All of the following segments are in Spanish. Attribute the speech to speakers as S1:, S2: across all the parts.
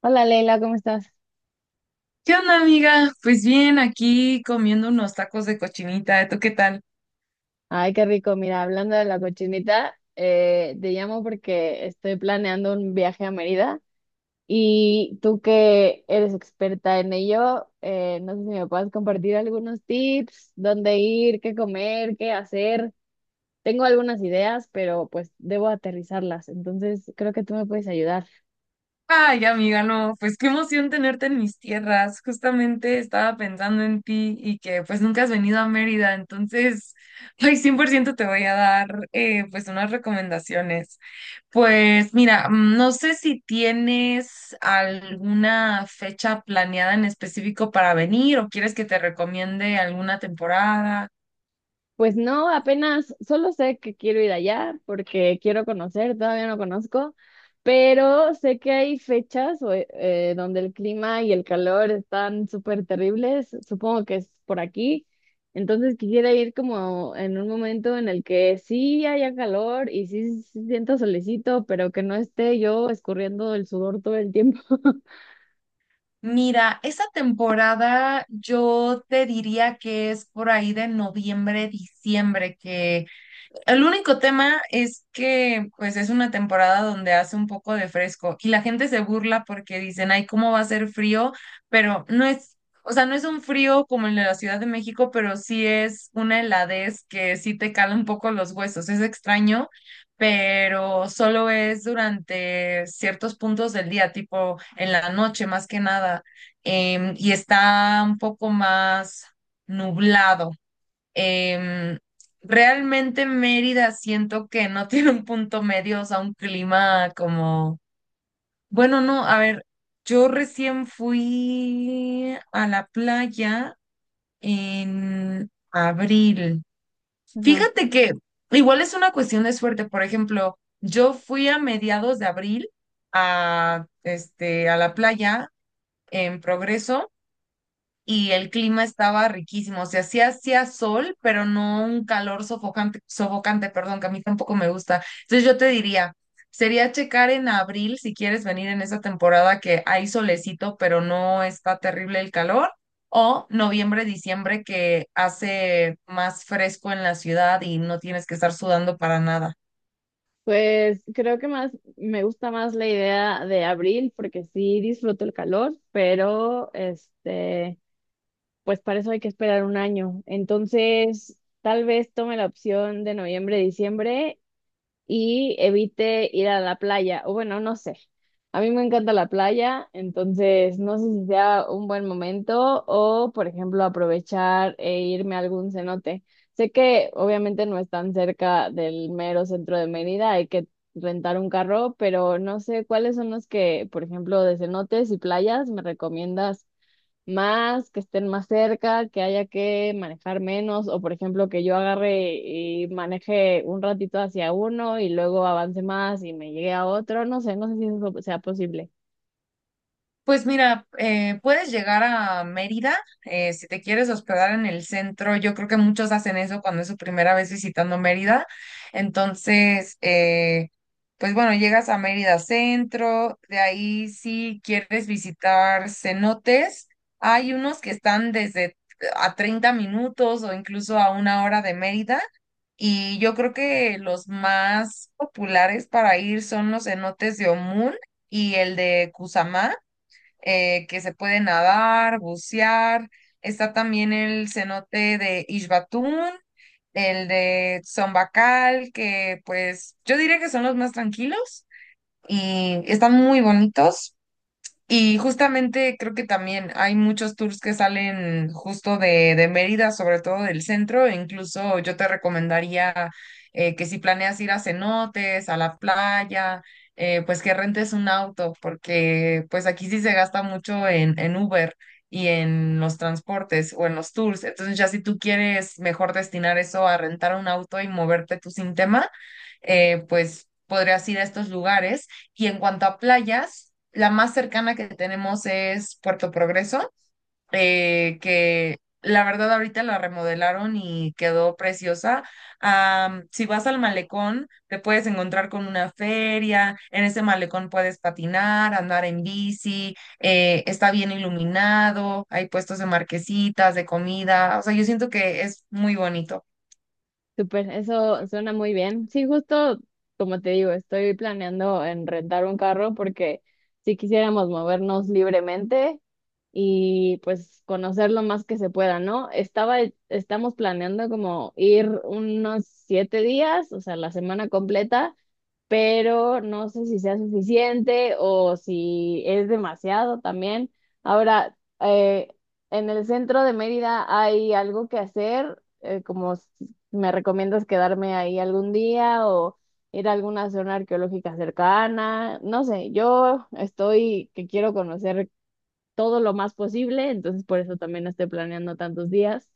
S1: Hola Leila, ¿cómo estás?
S2: ¿Qué onda, amiga? Pues bien, aquí comiendo unos tacos de cochinita. ¿Tú qué tal?
S1: Ay, qué rico. Mira, hablando de la cochinita, te llamo porque estoy planeando un viaje a Mérida y tú que eres experta en ello, no sé si me puedes compartir algunos tips, dónde ir, qué comer, qué hacer. Tengo algunas ideas, pero pues debo aterrizarlas, entonces creo que tú me puedes ayudar.
S2: Ay, amiga, no, pues qué emoción tenerte en mis tierras. Justamente estaba pensando en ti y que pues nunca has venido a Mérida, entonces, ay, 100% te voy a dar pues unas recomendaciones. Pues mira, no sé si tienes alguna fecha planeada en específico para venir o quieres que te recomiende alguna temporada.
S1: Pues no, apenas solo sé que quiero ir allá porque quiero conocer, todavía no conozco, pero sé que hay fechas o, donde el clima y el calor están súper terribles, supongo que es por aquí, entonces quisiera ir como en un momento en el que sí haya calor y sí, sí siento solecito, pero que no esté yo escurriendo el sudor todo el tiempo.
S2: Mira, esa temporada yo te diría que es por ahí de noviembre, diciembre, que el único tema es que pues es una temporada donde hace un poco de fresco y la gente se burla porque dicen, ay, ¿cómo va a ser frío? Pero no es, o sea, no es un frío como el de la Ciudad de México, pero sí es una heladez que sí te cala un poco los huesos. Es extraño, pero solo es durante ciertos puntos del día, tipo en la noche más que nada, y está un poco más nublado. Em, realmente Mérida siento que no tiene un punto medio, o sea, un clima como, bueno, no, a ver, yo recién fui a la playa en abril.
S1: Ajá.
S2: Fíjate que igual es una cuestión de suerte, por ejemplo, yo fui a mediados de abril a, a la playa en Progreso y el clima estaba riquísimo. O sea, sí hacía sol, pero no un calor sofocante, perdón, que a mí tampoco me gusta. Entonces yo te diría, sería checar en abril si quieres venir en esa temporada que hay solecito, pero no está terrible el calor, o noviembre, diciembre que hace más fresco en la ciudad y no tienes que estar sudando para nada.
S1: Pues creo que más me gusta más la idea de abril porque sí disfruto el calor, pero este, pues para eso hay que esperar un año. Entonces, tal vez tome la opción de noviembre, diciembre y evite ir a la playa, o bueno, no sé. A mí me encanta la playa, entonces no sé si sea un buen momento o, por ejemplo, aprovechar e irme a algún cenote. Sé que obviamente no es tan cerca del mero centro de Mérida, hay que rentar un carro, pero no sé cuáles son los que, por ejemplo, de cenotes y playas me recomiendas más, que estén más cerca, que haya que manejar menos, o por ejemplo que yo agarre y maneje un ratito hacia uno y luego avance más y me llegue a otro, no sé, no sé si eso sea posible.
S2: Pues mira, puedes llegar a Mérida si te quieres hospedar en el centro. Yo creo que muchos hacen eso cuando es su primera vez visitando Mérida. Entonces, pues bueno, llegas a Mérida Centro. De ahí, si quieres visitar cenotes, hay unos que están desde a 30 minutos o incluso a una hora de Mérida. Y yo creo que los más populares para ir son los cenotes de Omún y el de Cusamá que se puede nadar, bucear. Está también el cenote de Ixbatún, el de Zombacal, que pues yo diría que son los más tranquilos y están muy bonitos. Y justamente creo que también hay muchos tours que salen justo de Mérida, sobre todo del centro. E incluso yo te recomendaría que si planeas ir a cenotes, a la playa, pues que rentes un auto, porque pues aquí sí se gasta mucho en Uber y en los transportes o en los tours. Entonces ya si tú quieres mejor destinar eso a rentar un auto y moverte tú sin tema, pues podrías ir a estos lugares y en cuanto a playas, la más cercana que tenemos es Puerto Progreso, que la verdad ahorita la remodelaron y quedó preciosa. Si vas al malecón, te puedes encontrar con una feria, en ese malecón puedes patinar, andar en bici, está bien iluminado, hay puestos de marquesitas, de comida, o sea, yo siento que es muy bonito.
S1: Súper, eso suena muy bien. Sí, justo como te digo, estoy planeando en rentar un carro porque si quisiéramos movernos libremente y pues conocer lo más que se pueda, ¿no? Estaba, estamos planeando como ir unos siete días, o sea, la semana completa, pero no sé si sea suficiente o si es demasiado también. Ahora, en el centro de Mérida hay algo que hacer, como me recomiendas quedarme ahí algún día o ir a alguna zona arqueológica cercana, no sé, yo estoy que quiero conocer todo lo más posible, entonces por eso también estoy planeando tantos días,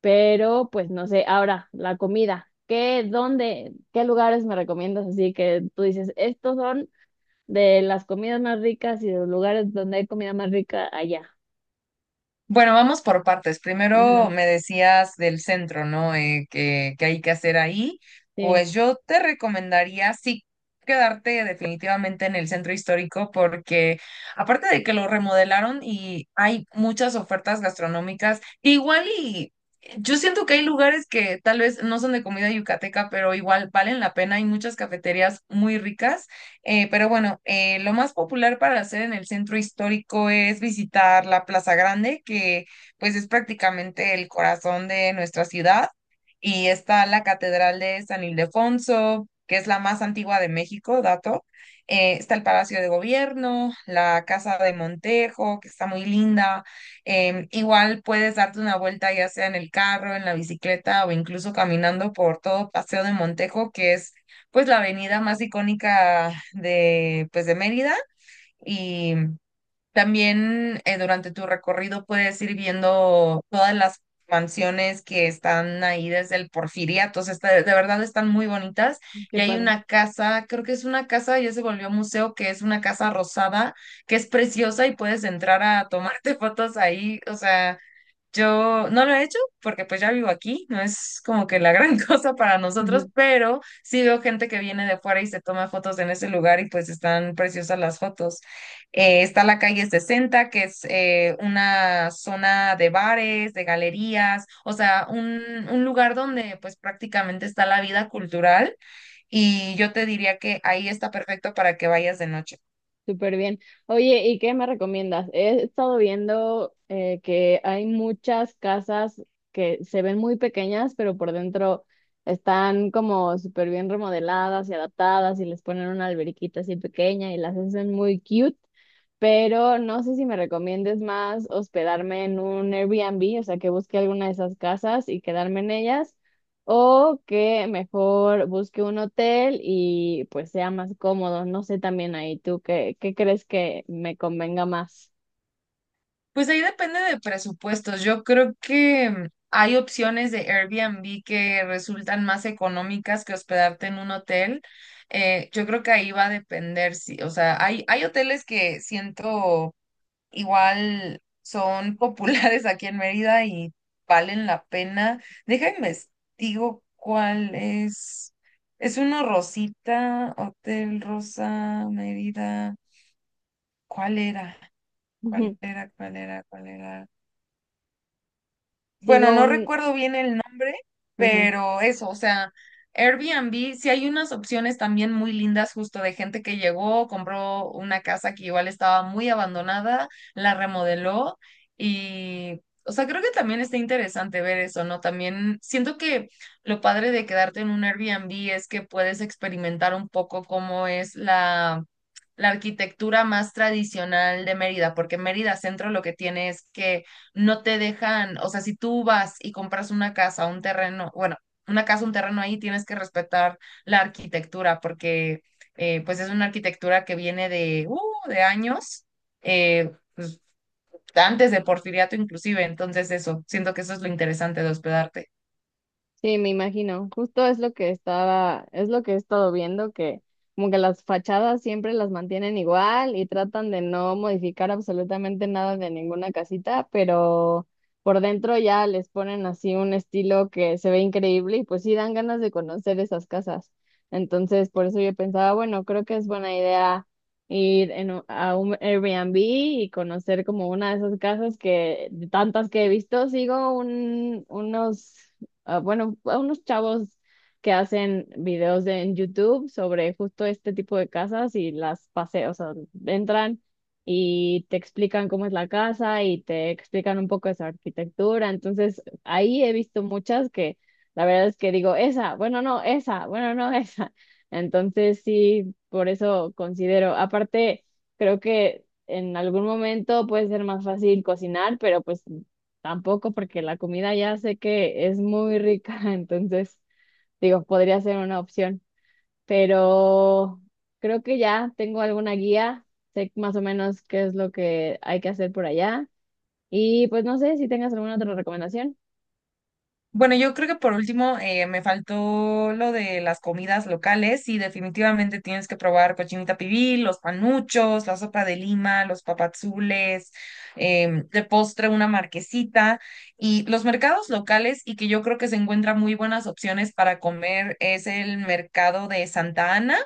S1: pero pues no sé, ahora la comida, ¿qué, dónde, qué lugares me recomiendas? Así que tú dices, estos son de las comidas más ricas y de los lugares donde hay comida más rica allá.
S2: Bueno, vamos por partes. Primero
S1: Ajá,
S2: me decías del centro, ¿no? Que hay que hacer ahí.
S1: sí,
S2: Pues yo te recomendaría sí quedarte definitivamente en el centro histórico porque aparte de que lo remodelaron y hay muchas ofertas gastronómicas, igual y yo siento que hay lugares que tal vez no son de comida yucateca, pero igual valen la pena. Hay muchas cafeterías muy ricas. Pero bueno, lo más popular para hacer en el centro histórico es visitar la Plaza Grande, que pues es prácticamente el corazón de nuestra ciudad. Y está la Catedral de San Ildefonso, que es la más antigua de México, dato. Está el Palacio de Gobierno, la Casa de Montejo, que está muy linda. Igual puedes darte una vuelta ya sea en el carro, en la bicicleta o incluso caminando por todo Paseo de Montejo, que es pues la avenida más icónica de, pues, de Mérida y también durante tu recorrido puedes ir viendo todas las mansiones que están ahí desde el Porfiriato, o sea, de verdad están muy bonitas
S1: qué
S2: y hay
S1: padre.
S2: una casa, creo que es una casa, ya se volvió museo, que es una casa rosada, que es preciosa y puedes entrar a tomarte fotos ahí, o sea. Yo no lo he hecho porque pues ya vivo aquí, no es como que la gran cosa para nosotros, pero sí veo gente que viene de fuera y se toma fotos en ese lugar y pues están preciosas las fotos. Está la calle 60 que es una zona de bares, de galerías, o sea, un lugar donde pues prácticamente está la vida cultural y yo te diría que ahí está perfecto para que vayas de noche.
S1: Súper bien. Oye, ¿y qué me recomiendas? He estado viendo que hay muchas casas que se ven muy pequeñas, pero por dentro están como súper bien remodeladas y adaptadas y les ponen una alberquita así pequeña y las hacen muy cute, pero no sé si me recomiendes más hospedarme en un Airbnb, o sea, que busque alguna de esas casas y quedarme en ellas o que mejor busque un hotel y pues sea más cómodo. No sé también ahí tú qué, qué crees que me convenga más.
S2: Pues ahí depende de presupuestos. Yo creo que hay opciones de Airbnb que resultan más económicas que hospedarte en un hotel. Yo creo que ahí va a depender, si O sea, hay hoteles que siento igual son populares aquí en Mérida y valen la pena. Déjame digo cuál es. Es uno Rosita, Hotel Rosa, Mérida. ¿Cuál era? ¿Cuál era? Bueno,
S1: Sigo
S2: no
S1: un...
S2: recuerdo bien el nombre,
S1: Ujú.
S2: pero eso, o sea, Airbnb, sí hay unas opciones también muy lindas justo de gente que llegó, compró una casa que igual estaba muy abandonada, la remodeló y, o sea, creo que también está interesante ver eso, ¿no? También siento que lo padre de quedarte en un Airbnb es que puedes experimentar un poco cómo es la, la arquitectura más tradicional de Mérida, porque Mérida Centro lo que tiene es que no te dejan, o sea, si tú vas y compras una casa, un terreno, bueno, una casa, un terreno ahí, tienes que respetar la arquitectura porque pues es una arquitectura que viene de años, pues, antes de Porfiriato inclusive, entonces eso, siento que eso es lo interesante de hospedarte.
S1: Sí, me imagino. Justo es lo que estaba, es lo que he estado viendo, que como que las fachadas siempre las mantienen igual y tratan de no modificar absolutamente nada de ninguna casita, pero por dentro ya les ponen así un estilo que se ve increíble y pues sí dan ganas de conocer esas casas. Entonces, por eso yo pensaba, bueno, creo que es buena idea ir en a un Airbnb y conocer como una de esas casas que de tantas que he visto, sigo unos a, bueno, a unos chavos que hacen en YouTube sobre justo este tipo de casas y las pasean, o sea, entran y te explican cómo es la casa y te explican un poco de su arquitectura. Entonces, ahí he visto muchas que la verdad es que digo, esa, bueno, no, esa. Entonces, sí, por eso considero, aparte, creo que en algún momento puede ser más fácil cocinar, pero pues tampoco porque la comida ya sé que es muy rica, entonces digo, podría ser una opción, pero creo que ya tengo alguna guía, sé más o menos qué es lo que hay que hacer por allá y pues no sé si tengas alguna otra recomendación.
S2: Bueno, yo creo que por último me faltó lo de las comidas locales y definitivamente tienes que probar cochinita pibil, los panuchos, la sopa de lima, los papazules, de postre una marquesita y los mercados locales y que yo creo que se encuentran muy buenas opciones para comer es el mercado de Santa Ana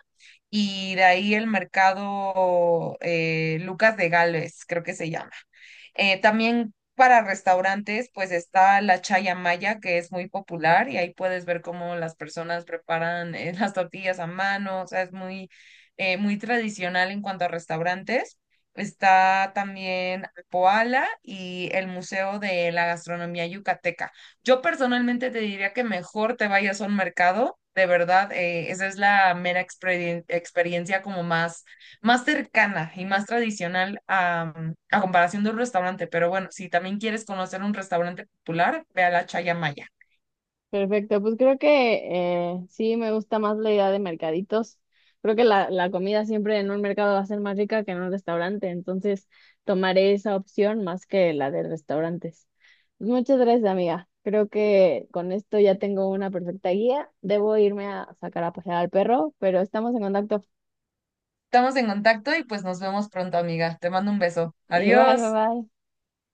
S2: y de ahí el mercado Lucas de Gálvez, creo que se llama. También para restaurantes, pues está la Chaya Maya, que es muy popular, y ahí puedes ver cómo las personas preparan las tortillas a mano, o sea, es muy, muy tradicional en cuanto a restaurantes. Está también Poala y el Museo de la Gastronomía Yucateca. Yo personalmente te diría que mejor te vayas a un mercado, de verdad, esa es la mera experiencia como más más cercana y más tradicional a comparación de un restaurante. Pero bueno, si también quieres conocer un restaurante popular, ve a la Chaya Maya.
S1: Perfecto, pues creo que sí me gusta más la idea de mercaditos. Creo que la comida siempre en un mercado va a ser más rica que en un restaurante, entonces tomaré esa opción más que la de restaurantes. Muchas gracias, amiga. Creo que con esto ya tengo una perfecta guía. Debo irme a sacar a pasear al perro, pero estamos en contacto.
S2: Estamos en contacto y pues nos vemos pronto, amiga. Te mando un beso.
S1: Igual, bye
S2: Adiós.
S1: bye.